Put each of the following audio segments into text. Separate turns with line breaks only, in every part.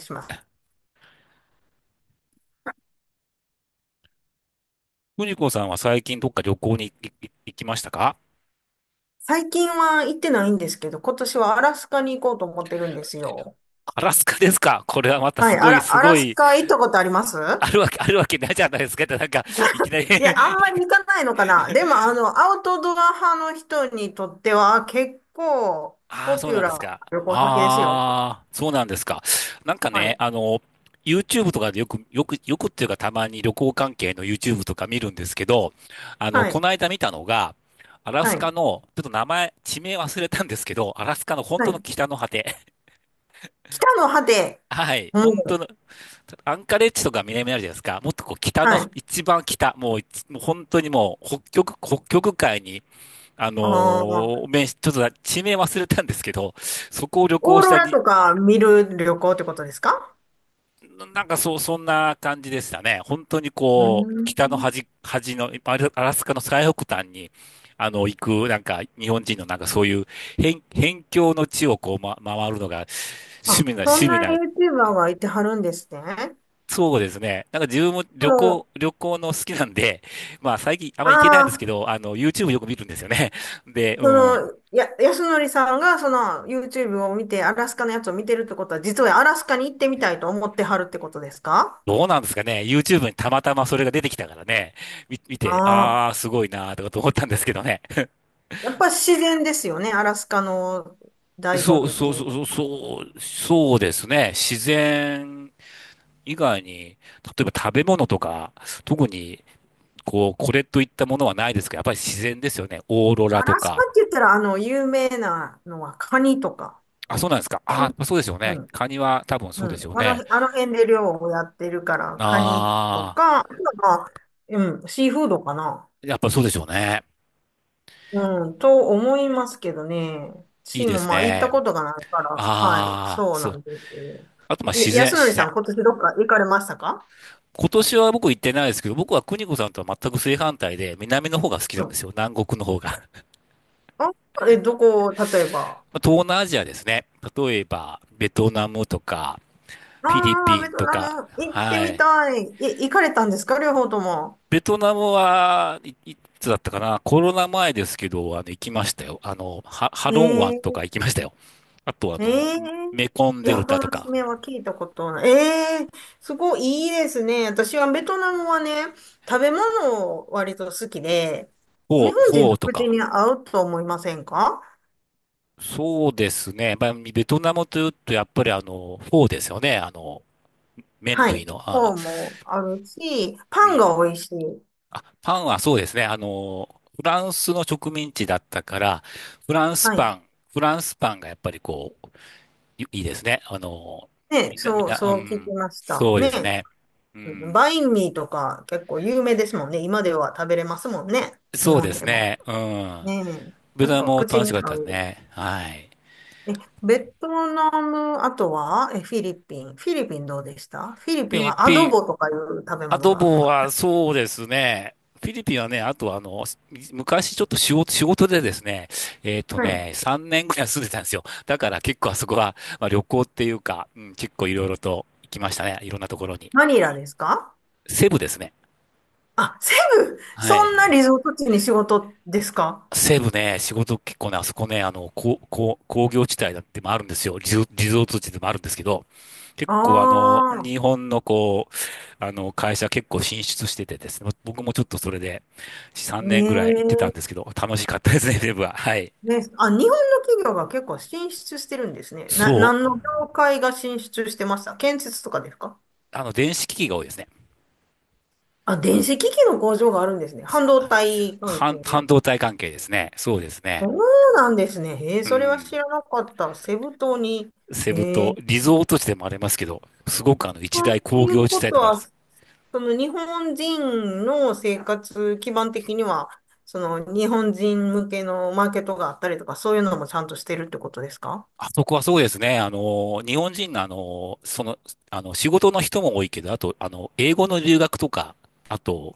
します。
藤子さんは最近どっか旅行に行きましたか？
最近は行ってないんですけど、今年はアラスカに行こうと思ってるんですよ。
アラスカですか。これはまた
は
す
い、ア
ごい、
ラ、
す
ア
ご
ラス
い、
カ行ったことあります？
あるわけないじゃないですか。いきなり
いや、あんまり行かないのかな。でも、あの、アウトドア派の人にとっては結構
ああ、
ポ
そう
ピュ
なん
ラ
です
ーな
か。
旅行先ですよ。
ああ、そうなんですか。なんか
は
ね、
い、
あの、YouTube とかでよくっていうかたまに旅行関係の YouTube とか見るんですけど、
は
こ
い、
の間見たのが、アラ
は
ス
い、
カの、ちょっと名前、地名忘れたんですけど、アラスカの本
は
当の
い。
北の果て。
北の果て、
はい。
う
本当
ん、
の、アンカレッジとか南にあるじゃないですか。もっとこう北の、
はい。
一番北、もう本当にもう北極、北極海に、
ああ、
面し、ちょっと地名忘れたんですけど、そこを旅
オー
行し
ロ
た
ラ
に、
とか見る旅行ってことですか？
んかそう、そんな感じでしたね。本当に
うー
こう、北の
ん。
端、端の、アラスカの最北端に、行く、日本人のなんかそういう、辺境の地をこう、ま、回るのが、趣
あ、
味な、
そん
趣味
な
な、
ユーチューバーがいてはるんですね。
そうですね。なんか自分も
も
旅行の好きなんで、まあ最近あん
う、
まり行けない
あ
んですけ
あ、
ど、YouTube よく見るんですよね。で、
そ
うん。
の、安則さんがその YouTube を見て、アラスカのやつを見てるってことは、実はアラスカに行ってみたいと思ってはるってことですか？
どうなんですかね。YouTube にたまたまそれが出てきたからね。見て、
ああ
ああ、すごいなーとかと思ったんですけどね。
ー。やっぱ自然ですよね、アラスカの 醍醐
そう、
味っ
そ
て
う
いう。
そうそう、そうそうですね。自然以外に、例えば食べ物とか、特に、こう、これといったものはないですけど、やっぱり自然ですよね。オーロラ
ア
と
ラスカ
か。
って言ったら、あの、有名なのはカニとか。
あ、そうなんですか。
う
あ、
ん
そうですよ
う
ね。
ん。
カニは多分そうですよ
あの、
ね。
あの辺で漁をやってるから、カニと
ああ、
か、あとはまあ、うん、シーフードかな。
やっぱそうでしょうね。
うん、と思いますけどね。
いい
私
で
も
す
まあ行った
ね。
ことがないから、はい、
ああ、
そう
そ
な
う。
んです。
あと、まあ、
え、
自然、
安則
自
さ
然。
ん、今年どっか行かれましたか？
今年は僕行ってないですけど、僕は邦子さんとは全く正反対で、南の方が好きな
う
んで
ん。
すよ。南国の方が。
あ、え、どこ、例えば。
まあ東南アジアですね。例えば、ベトナムとか、フィリ
ああ、
ピ
ベ
ン
ト
と
ナ
か。
ム行って
は
み
い。
たい。え、行かれたんですか両方とも？
ベトナムは、いつだったかな、コロナ前ですけど、行きましたよ。あの、ハロン湾と
ええ
か行きましたよ。あと、あ
え
の、
え
メコン
い
デ
や、
ル
そ
タと
の
か、
爪は聞いたことない。ええすごいいいですね。私はベトナムはね、食べ物を割と好きで、日
フ
本人
ォー
の
と
口
か。
に合うと思いませんか？
そうですね。まあ、ベトナムというと、やっぱりあの、フォーですよね。あの、麺
はい。
類の。
フ
あ、
ォーもあるし、
う
パン
ん。
が美味しい。
あ、パンはそうですね。あの、フランスの植民地だったから、フランス
は
パ
い。
ン、フランスパンがやっぱりこう、いですね。あの、
ね、
みん
そう、
な、う
そう聞き
ん。
ました。
そうで
ね。
す
うん
ね。うん。
バインミーとか結構有名ですもんね。今では食べれますもんね。日
そう
本
です
でも。
ね。うん。
ねえ。
ベ
な
ト
ん
ナム
か
も
口
楽し
に
かっ
合
たです
う。
ね。はい。
え、ベトナム、あとは、え、フィリピン。フィリピンどうでした？フィリ
フ
ピ
ィ
ン
リ
はア
ピ
ド
ン、
ボとかいう食べ
ア
物
ド
が。
ボはそうですね。フィリピンはね、あとあの、昔ちょっと仕事でですね、えっと
はい。
ね、3年ぐらい住んでたんですよ。だから結構あそこは、まあ、旅行っていうか、うん、結構いろいろと行きましたね。いろんなところに。
マニラですか？
セブですね。
あ、セブ
は
そ
い。
んなリゾート地に仕事ですか？
西部ね、仕事結構ね、あそこね、あの、工業地帯だってもあるんですよ。リゾート地でもあるんですけど、結
あ
構あの、日
あ
本のこう、あの、会社結構進出しててですね、僕もちょっとそれで3
ー。ね
年ぐらい行ってたんで
え
すけど、楽しかったですね、西部は。はい。
ね、あ、日本の企業が結構進出してるんですね。な、
そ
何の
う。
業界が進出してました？建設とかですか？
あの、電子機器が多いですね。
あ、電子機器の工場があるんですね。半導体関
半
係。
導体関係ですね。そうです
そ
ね。
うなんですね。へえ、
う
それは
ん。
知らなかった。セブ島に。
セブ
へ
島、
え、
リゾート地でもありますけど、すごくあの、一大
と
工
いう
業地
こ
帯
と
でもある。
は、その日本人の生活基盤的には、その日本人向けのマーケットがあったりとか、そういうのもちゃんとしてるってことですか？
あそこはそうですね。あの、日本人のあの、その、あの、仕事の人も多いけど、あと、あの、英語の留学とか、あと、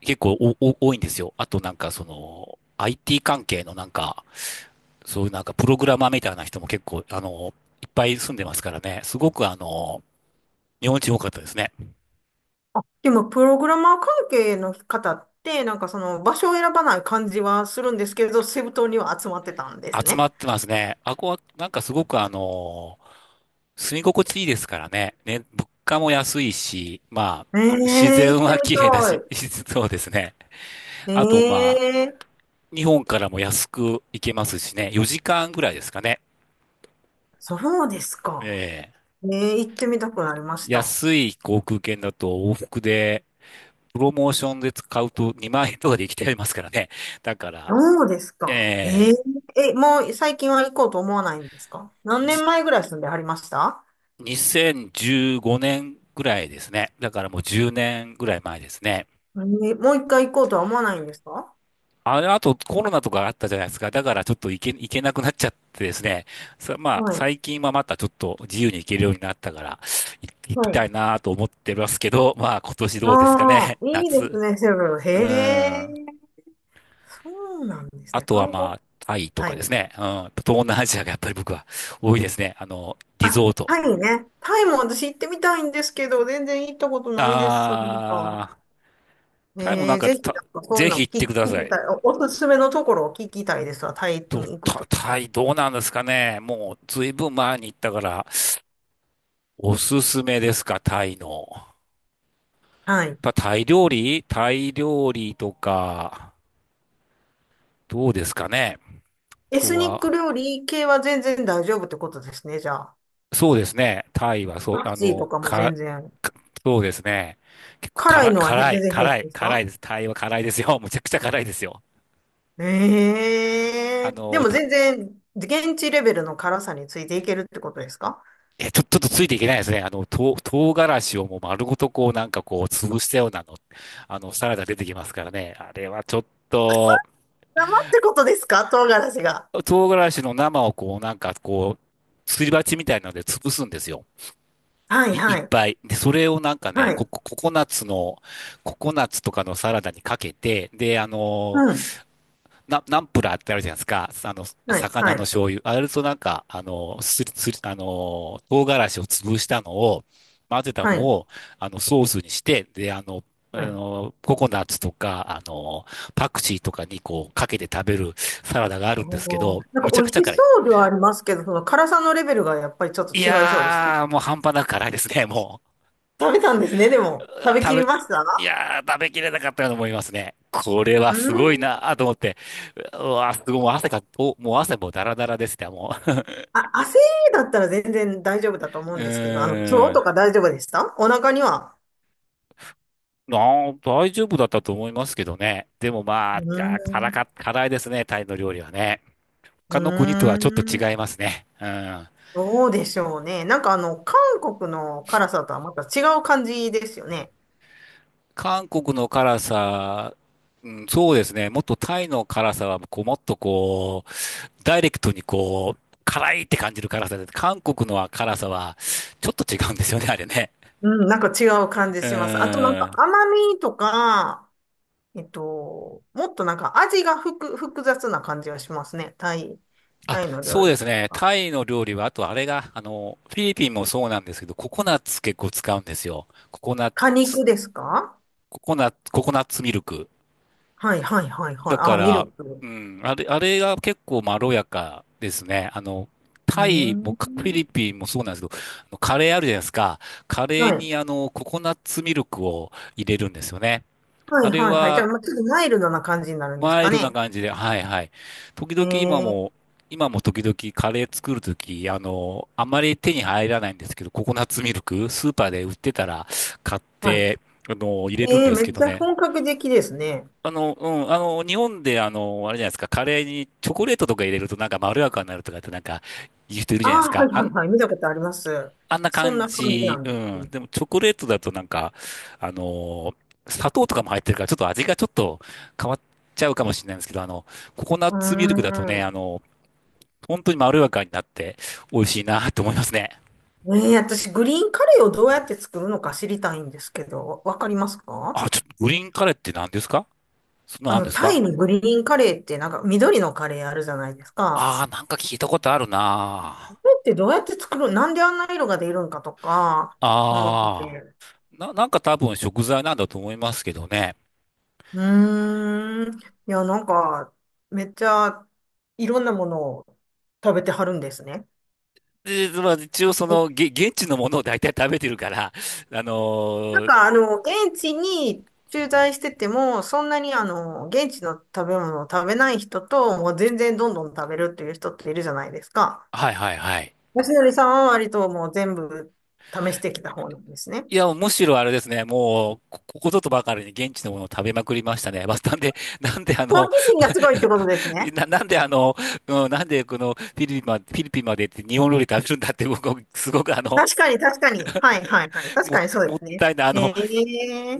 結構多いんですよ。あとなんかその、IT 関係のなんか、そういうなんかプログラマーみたいな人も結構、あの、いっぱい住んでますからね。すごくあの、日本人多かったですね。
でも、プログラマー関係の方って、なんかその場所を選ばない感じはするんですけど、セブ島には集まってたんです
集ま
ね。
ってますね。あこはなんかすごくあの、住み心地いいですからね。ね、物価も安いし、まあ、
え
自
え行っ
然
て
は
み
綺麗だ
た
し、
い。
そうですね。
え
あと、ま
え
日本からも安く行けますしね、4時間ぐらいですかね。
そうですか。
ええ
ええ行ってみたくなりました。
安い航空券だと往復で、プロモーションで使うと2万円とかで行きていますからね。だから、
どうです
え
か？え
え
ええ、もう最近は行こうと思わないんですか？何
じ
年前ぐらい住んではりました？
2015年ぐらいですね。だからもう10年ぐらい前ですね。
ええもう一回行こうとは思わないんですか？
あの後コロナとかあったじゃないですか。だからちょっと行けなくなっちゃってですね。さ、まあ
はい。
最近はまたちょっと自由に行けるようになったから、い行き
は
た
い。
いなと思ってますけど、まあ今年どうですか
あ
ね。
あ、いいで
夏。
すね、セブン。へ
うん。
え、そうなんです
あ
ね。
とは
観
ま
光
あタイと
は
かで
い。
すね。うん。東南アジアがやっぱり僕は多いですね。あの、リゾ
あ、
ート。
タイね。タイも私行ってみたいんですけど、全然行ったことないです。そうか
あー、タイもなん
えー、
か
ぜひ、なん
た、
かそうい
ぜ
う
ひ
の
行って
聞
くだ
き聞
さ
き
い。
たい。おすすめのところを聞きたいですわ。タイ
と、
に行くとした
タ
ら。
イどうなんですかね。もうずいぶん前に行ったから、おすすめですか、タイの。や
は
っ
い。
ぱタイ料理とか、どうですかね。あ
エ
と
スニック
は、
料理系は全然大丈夫ってことですね、じゃあ。
そうですね。タイは、そう、
パク
あ
チーと
の、
かも
か、
全然。
かそうですね。結構
辛い
辛、
のはへ全
辛い、
然平
辛
気
い、
です
辛
か？
いです。タイは辛いですよ。むちゃくちゃ辛いですよ。
ええ
あ
ー、で
の、
も
と、
全然、現地レベルの辛さについていけるってことですか？
え、ちょ、ちょっとついていけないですね。あの、唐辛子をもう丸ごとこう、なんかこう、潰したようなの、あの、サラダ出てきますからね。あれはちょっと、
生ってことですか？唐辛子が。
唐辛子の生をこう、なんかこう、すり鉢みたいなので潰すんですよ。
はい、
い
は
っ
い、
ぱい。で、それをなんかね、
はい。
ココナッツの、ココナッツとかのサラダにかけて、で、あの
うん。
ー、ナンプラーってあるじゃないですか。あの、
はい、
魚
は
の
い、
醤油。あれとなんか、あのー、すり、すり、あのー、唐辛子を潰したのを、混ぜた
は
の
い、
を、あの、ソースにして、で、あの、あ
はい。
のー、ココナッツとか、あのー、パクチーとかにこう、かけて食べるサラダがあるんですけ
おー
ど、
なんか
むちゃ
美
く
味
ちゃ
し
辛
そ
い。
うではありますけど、その辛さのレベルがやっぱりちょっと
い
違いそうでした。
やー、もう半端なく辛いですね、も
食べたんですね、でも。
う。う
食
ー
べ
食
きりました？
べ、いやー、食べきれなかったように思いますね。これは
うー
すごいな
ん。
ーと思って。うわー、すごい、もう汗か、お、もう汗もダラダラですね、も
あ、汗だったら全然大丈夫だと思
う。
う
う
んですけど、あの、今日
ー
と
ん。
か大丈夫でした？お腹には。
なあ、大丈夫だったと思いますけどね。でもまあ、
うーん。
辛いですね、タイの料理はね。
う
他の国とは
ー
ちょっと
ん。
違いますね。うん。
どうでしょうね。なんかあの、韓国の辛さとはまた違う感じですよね。
韓国の辛さ、うん、そうですね。もっとタイの辛さは、こう、もっとこう、ダイレクトにこう、辛いって感じる辛さで、韓国のは辛さは、ちょっと違うんですよね、あれね。
うん、なんか違う感じ
う
します。あとなんか
ん。
甘みとか、えっと、もっとなんか味が複雑な感じがしますね。タイ、
あ、
タイの
そ
料
うで
理と
すね。
か
タイの料理は、あとあれが、あの、フィリピンもそうなんですけど、ココナッツ結構使うんですよ。ココナッツ、
果肉ですか？
ココナッツ、ココナッツミルク。
はいはいはいは
だ
い。あ、
か
ミル
ら、う
ク。
ん、あれ、あれが結構まろやかですね。
う
タイも
ー
かフィ
ん。
リピンもそうなんですけど、カレーあるじゃないですか。カレ
は
ー
い。
にココナッツミルクを入れるんですよね。
は
あ
い
れ
はいはい。じゃあ、
は、
まあ、ちょっとマイルドな感じになるんです
マイ
か
ルドな
ね。
感じで、はいはい。時
え
々今
ー、
も、今も時々カレー作るとき、あまり手に入らないんですけど、ココナッツミルク、スーパーで売ってたら買っ
はい。
て、入れるん
えー、
です
め
け
っ
ど
ちゃ
ね。
本格的ですね。
日本で、あれじゃないですか、カレーにチョコレートとか入れるとなんかまろやかになるとかってなんか言う人いる
あ
じゃないです
あ、はい
か。あ
は
ん、
いはい。見たことあります。
あんな
そん
感
な感じな
じ。う
んです
ん。
ね。
でもチョコレートだとなんか、あの、砂糖とかも入ってるからちょっと味がちょっと変わっちゃうかもしれないんですけど、ココナッ
うー
ツミルクだとね、
ん。
本当にまろやかになって美味しいなと思いますね。
えー、私、グリーンカレーをどうやって作るのか知りたいんですけど、わかりますか？
あ、ちょっとグリーンカレーって何ですか？そんな
あ
のあるん
の、
です
タイ
か？
のグリーンカレーってなんか緑のカレーあるじゃないですか。
ああー、なんか聞いたことある
こ
な。
れってどうやって作る、なんであんな色が出るんかとか思って
ああ
て。
ー。なんか多分食材なんだと思いますけどね。
うーん。いや、なんか、めっちゃいろんなものを食べてはるんですね。
で、まあ、一応その、現地のものを大体食べてるから、あ
なん
のー、
かあの、現地に駐在してても、そんなにあの、現地の食べ物を食べない人と、もう全然どんどん食べるっていう人っているじゃないですか。
はいはいはい。
よしのりさんは割ともう全部試してきた方なんですね。
いや、むしろあれですね、もう、ここことばかりに現地のものを食べまくりましたね。まあ、なんで、なんであ
好
の、
奇心がすごいってことです ね。
な、なんであの、うん、なんでこのフィリピンまで、フィリピンまで行って日本料理食べるんだって僕、すごく
確かに、確かに。はい、はい、はい。確かにそう
も
で
っ
すね。
たいない、
ね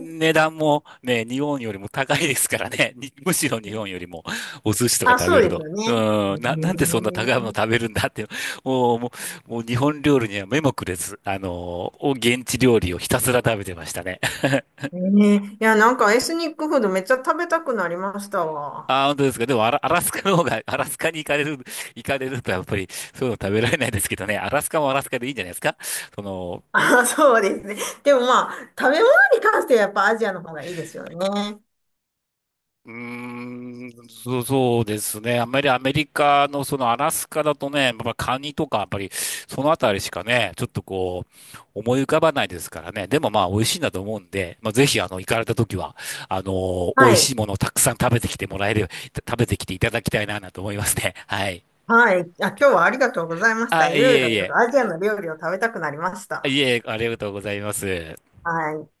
え。
段もね、日本よりも高いですからね。にむしろ日本よりもお寿司とか
あ、
食
そ
べ
う
る
です
と。
よ
う
ね。
ん、なんでそ
ね
んな高いもの食べるんだって。もう、ももう日本料理には目もくれず、あのー、現地料理をひたすら食べてましたね。
え。ねえ。いや、なんかエスニックフードめっちゃ食べたくなりました わ。
ああ、本当ですか。でもアラ、アラスカの方が、アラスカに行かれる、行かれるとやっぱりそういうの食べられないですけどね。アラスカもアラスカでいいんじゃないですか。その、
あ、そうですね。でもまあ、食べ物に関してはやっぱアジアの方がいいですよね。
うーん、そうですね。あんまりアメリカのそのアラスカだとね、まあ、カニとかやっぱりそのあたりしかね、ちょっとこう思い浮かばないですからね。でもまあ美味しいんだと思うんで、まあ、ぜひあの行かれた時は、美
は
味し
い。
いものをたくさん食べてきてもらえる、食べてきていただきたいな、なと思いますね。はい。
はい。あ、今日はありがとうございました。
あ、
い
い
ろいろ
えいえ。
アジアの料理を食べたくなりました。
いえ、ありがとうございます。
はい。